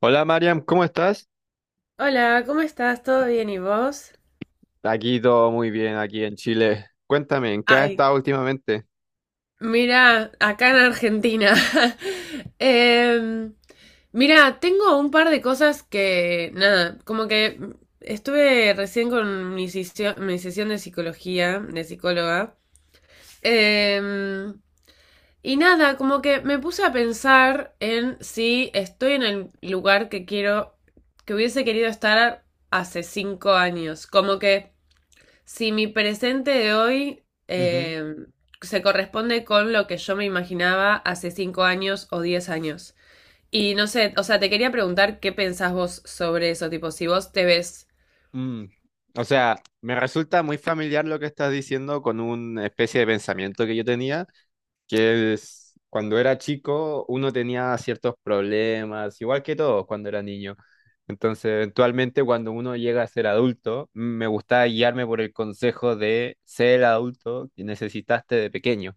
Hola Mariam, ¿cómo estás? Hola, ¿cómo estás? ¿Todo bien y vos? Aquí todo muy bien, aquí en Chile. Cuéntame, ¿en qué has Ay, estado últimamente? mira, acá en Argentina. Em, mira, tengo un par de cosas que, nada, como que estuve recién con mi sesión de psicología, de psicóloga. Em, y nada, como que me puse a pensar en si estoy en el lugar que quiero, que hubiese querido estar hace 5 años. Si mi presente de hoy Ujú. Se corresponde con lo que yo me imaginaba hace 5 años o 10 años. Y no sé, o sea, te quería preguntar qué pensás vos sobre eso, tipo, si vos te ves. Mm. O sea, me resulta muy familiar lo que estás diciendo con una especie de pensamiento que yo tenía, que es cuando era chico uno tenía ciertos problemas, igual que todos cuando era niño. Entonces, eventualmente cuando uno llega a ser adulto, me gusta guiarme por el consejo de ser el adulto que necesitaste de pequeño.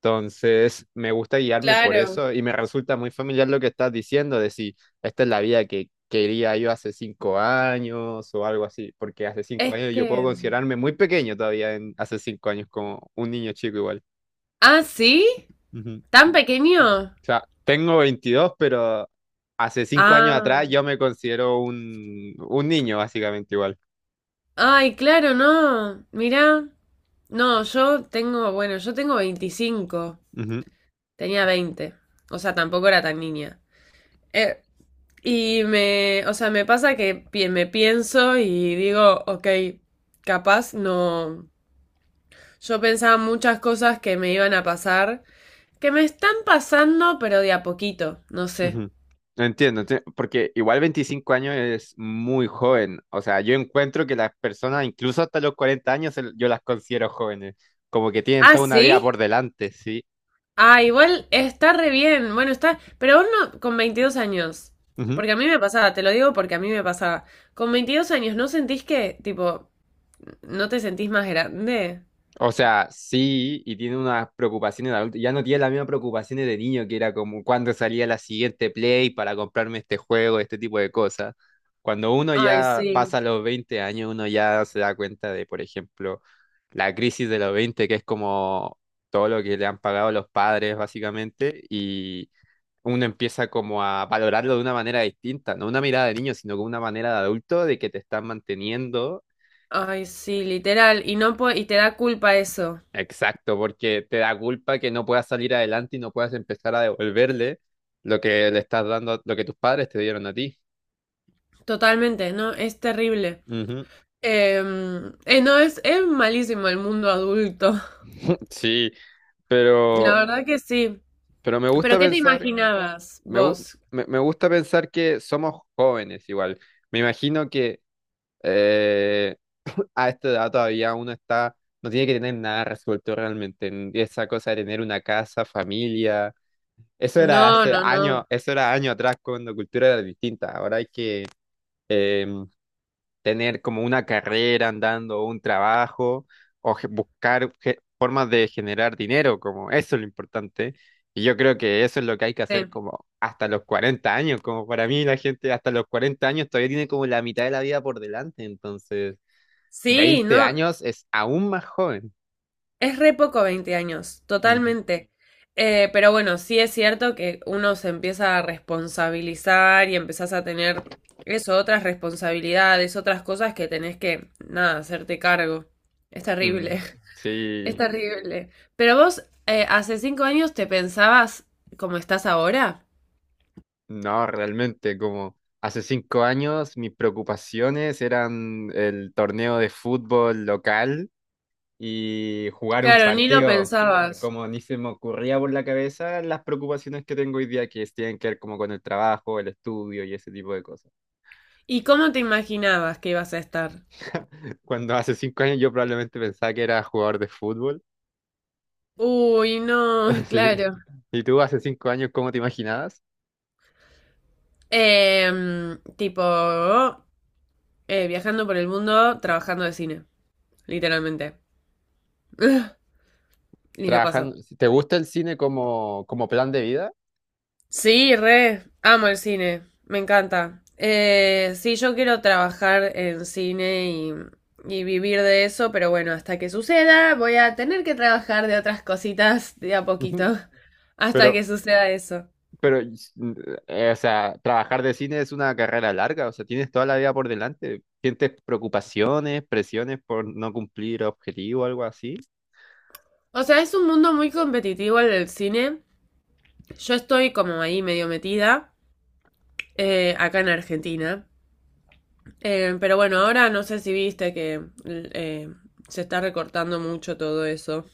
Entonces, me gusta guiarme por Claro. eso y me resulta muy familiar lo que estás diciendo de si esta es la vida que quería yo hace 5 años o algo así, porque hace cinco Es años yo puedo que. considerarme muy pequeño todavía en hace 5 años como un niño chico igual. Ah, ¿sí? Ujú. O ¿Tan pequeño? sea, tengo 22 pero hace 5 años Ah. atrás yo me considero un niño básicamente igual. Ay, claro, no. Mirá. No, yo tengo, bueno, yo tengo 25. Ujú. Tenía 20. O sea, tampoco era tan niña. Y me, o sea, me pasa que me pienso y digo, ok, capaz no. Yo pensaba muchas cosas que me iban a pasar, que me están pasando, pero de a poquito, no sé. Ujú. Entiendo, porque igual 25 años es muy joven. O sea, yo encuentro que las personas, incluso hasta los 40 años, yo las considero jóvenes. Como que tienen Ah, toda una sí. vida por delante, sí. Ah, igual está re bien. Bueno, está, pero vos no, con 22 años. Porque a mí me pasaba, te lo digo porque a mí me pasaba. Con 22 años, ¿no sentís que, tipo, no te sentís más grande? O sea, sí, y tiene unas preocupaciones de adulto. Ya no tiene las mismas preocupaciones de niño, que era como cuando salía la siguiente Play para comprarme este juego, este tipo de cosas. Cuando uno Ay, ya sí. pasa los 20 años, uno ya se da cuenta de, por ejemplo, la crisis de los 20, que es como todo lo que le han pagado los padres, básicamente, y uno empieza como a valorarlo de una manera distinta, no una mirada de niño, sino con una manera de adulto de que te están manteniendo. Ay, sí, literal. Y no po- y te da culpa eso. Exacto, porque te da culpa que no puedas salir adelante y no puedas empezar a devolverle lo que le estás dando, lo que tus padres te dieron a ti. Totalmente, no, es terrible. Ujú. Eh, no, es malísimo el mundo adulto. Sí, La pero, verdad que sí. pero me gusta ¿Pero qué te pensar, imaginabas me, gu- vos? me gusta pensar que somos jóvenes igual. Me imagino que eh, a esta edad todavía uno está, no tiene que tener nada resuelto realmente en esa cosa de tener una casa, familia. Eso era No, hace no, no. años, eso era años atrás cuando la cultura era distinta. Ahora hay que em, tener como una carrera andando, o un trabajo, o buscar formas de generar dinero, como eso es lo importante. Y yo creo que eso es lo que hay que hacer Sí, como hasta los 40 años, como para mí la gente hasta los 40 años todavía tiene como la mitad de la vida por delante, entonces Sí, no, 20 años es aún más joven. es re poco 20 años, Ujú. totalmente. Pero bueno, sí es cierto que uno se empieza a responsabilizar y empezás a tener eso, otras responsabilidades, otras cosas que tenés que, nada, hacerte cargo. Es terrible. Mm, Es sí, terrible. Pero vos, hace 5 años te pensabas como estás ahora. no, realmente como. Hace 5 años mis preocupaciones eran el torneo de fútbol local y jugar un Claro, ni lo partido. Es pensabas. como ni se me ocurría por la cabeza las preocupaciones que tengo hoy día que tienen que ver como con el trabajo, el estudio y ese tipo de cosas. ¿Y cómo te imaginabas que ibas a estar? Cuando hace 5 años yo probablemente pensaba que era jugador de fútbol. Uy, no, Sí. claro. ¿Y tú hace 5 años cómo te imaginabas? Tipo, viajando por el mundo, trabajando de cine, literalmente. Y no Trabajando, pasó. ¿te gusta el cine como plan de vida? Sí, re, amo el cine, me encanta. Sí, yo quiero trabajar en cine y vivir de eso, pero bueno, hasta que suceda, voy a tener que trabajar de otras cositas de a Ujú. poquito, hasta que Pero, suceda eso. Pero, o sea, trabajar de cine es una carrera larga, o sea, tienes toda la vida por delante. ¿Sientes preocupaciones, presiones por no cumplir objetivos o algo así? O sea, es un mundo muy competitivo el del cine. Yo estoy como ahí medio metida, acá en Argentina. Pero bueno, ahora no sé si viste que se está recortando mucho todo eso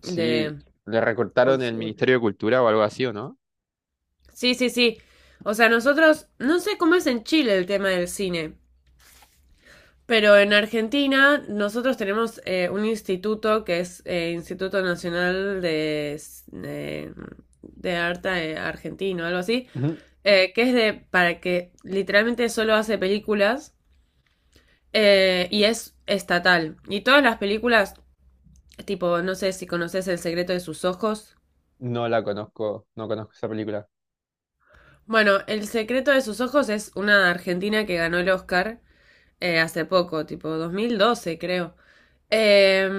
Sí, de le recortaron el cultura. Ministerio de Cultura o algo así, ¿o no? Sí, sí, sí. O sea, nosotros, no sé cómo es en Chile el tema del cine, pero en Argentina nosotros tenemos un instituto que es Instituto Nacional de, de Arte Argentino, algo así, Ujú. Que es de, para que literalmente solo hace películas y es estatal. Y todas las películas, tipo, no sé si conoces El secreto de sus ojos. No la conozco, no conozco esa película. Bueno, El secreto de sus ojos es una argentina que ganó el Oscar. Hace poco, tipo 2012 creo.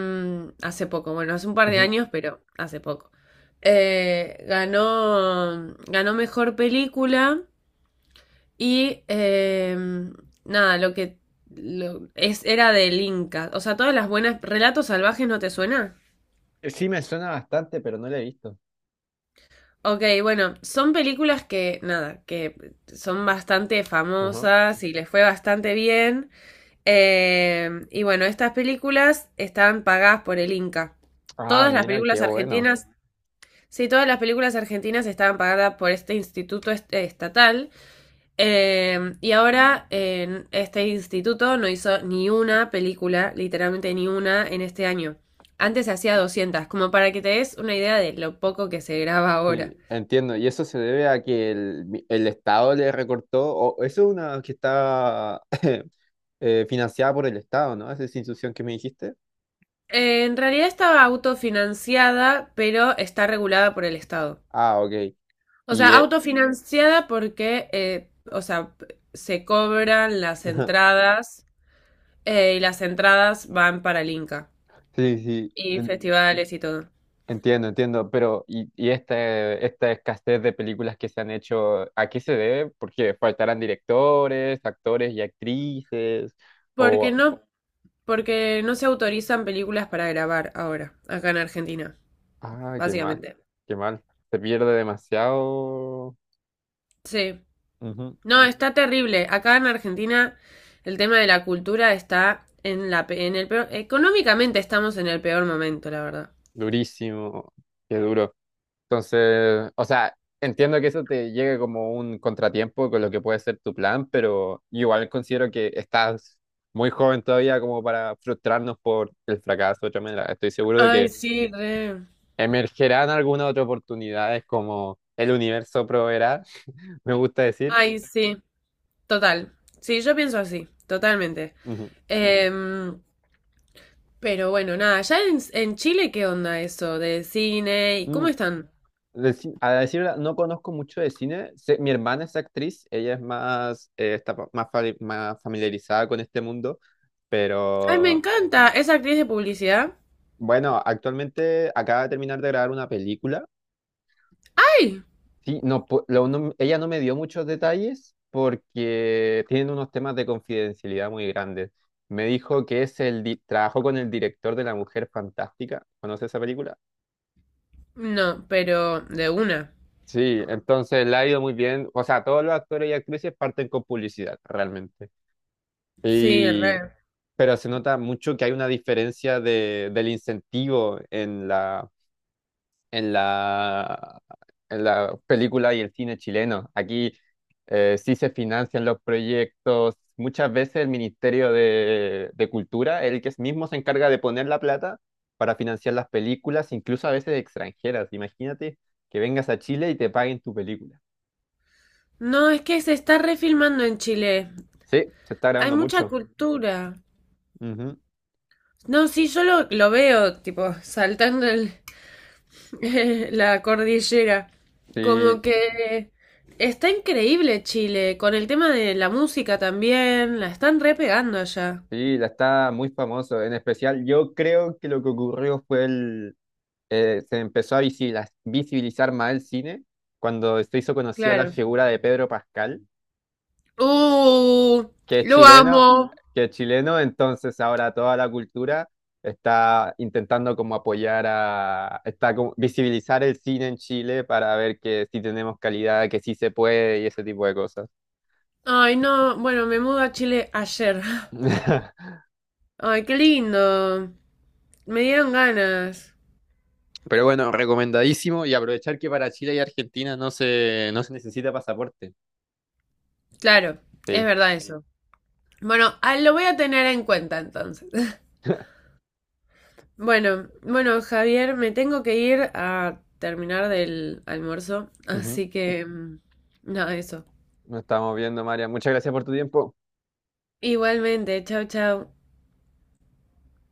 Hace poco, bueno, hace un par de Ujú. años, pero hace poco. Ganó mejor película y nada, lo que era del Inca. O sea, todas las buenas... ¿Relatos salvajes no te suena? Sí, me suena bastante, pero no la he visto. Ok, bueno, son películas que, nada, que son bastante Ujú. famosas y les fue bastante bien. Y bueno, estas películas están pagadas por el Inca. Ah, Todas las mira, películas qué bueno. argentinas, sí, todas las películas argentinas estaban pagadas por este instituto estatal. Y ahora este instituto no hizo ni una película, literalmente ni una, en este año. Antes hacía 200, como para que te des una idea de lo poco que se graba ahora. Sí, entiendo. Y eso se debe a que el Estado le recortó, o eso es una que está financiada por el Estado, ¿no? Esa institución que me dijiste. En realidad estaba autofinanciada, pero está regulada por el Estado. Ah, ok. O Y sea, autofinanciada porque, o sea, se cobran las entradas y las entradas van para el Inca sí, sí, y en- festivales y todo. entiendo, entiendo. Pero, ¿y esta escasez de películas que se han hecho, a qué se debe? Porque faltarán directores, actores y actrices. Porque O, no, porque no se autorizan películas para grabar ahora, acá en Argentina, ah, qué mal, básicamente. qué mal. Se pierde demasiado. Sí. Ujú. No, está terrible. Acá en Argentina el tema de la cultura está en el peor, económicamente estamos en el peor momento, la verdad. Durísimo, qué duro. Entonces, o sea, entiendo que eso te llegue como un contratiempo con lo que puede ser tu plan, pero igual considero que estás muy joven todavía como para frustrarnos por el fracaso de otra manera. Estoy seguro de Ay, que sí, re. emergerán algunas otras oportunidades como el universo proveerá, me gusta decir. Ay, sí. Total. Sí, yo pienso así, totalmente. Ujú. Em, pero bueno, nada, ¿ya en Chile qué onda eso de cine y Mm, cómo están? a decir verdad, no conozco mucho de cine. Mi hermana es actriz, ella es más, más, más familiarizada con este mundo, Ay, me pero. encanta. ¿Es actriz de publicidad? Bueno, actualmente acaba de terminar de grabar una película. ¡Ay! Sí, no, ella no me dio muchos detalles porque tienen unos temas de confidencialidad muy grandes. Me dijo que es trabajó con el director de La Mujer Fantástica. ¿Conoce esa película? No, pero de una. Sí, entonces le ha ido muy bien. O sea, todos los actores y actrices parten con publicidad, realmente. Sí, Y re. pero se nota mucho que hay una diferencia de, del incentivo en la, en la película y el cine chileno. Aquí sí se financian los proyectos. Muchas veces el Ministerio de Cultura, el que mismo se encarga de poner la plata para financiar las películas, incluso a veces extranjeras. Imagínate que vengas a Chile y te paguen tu película. No, es que se está refilmando en Chile. Sí, se está Hay grabando mucha mucho. cultura. Ujú. No, sí, yo lo veo, tipo, saltando el, la cordillera. Como Sí, que está increíble Chile, con el tema de la música también, la están repegando allá. sí, la está muy famoso. En especial, yo creo que lo que ocurrió fue se empezó a visibilizar más el cine cuando se hizo conocida la Claro. figura de Pedro Pascal, Uh, que es lo chileno, amo. que es chileno, entonces ahora toda la cultura está intentando como apoyar a, está como visibilizar el cine en Chile para ver que sí tenemos calidad, que sí se puede y ese tipo de cosas. Ay, no, bueno, me mudo a Chile ayer. Ay, qué lindo. Me dieron ganas. Pero bueno, recomendadísimo y aprovechar que para Chile y Argentina no se necesita pasaporte. Claro, es Sí. verdad eso. Bueno, ah, lo voy a tener en cuenta entonces. Bueno, bueno, Javier, me tengo que ir a terminar del almuerzo, Ujú. así que nada, eso. Nos estamos viendo, María. Muchas gracias por tu tiempo. Igualmente, chao, chao.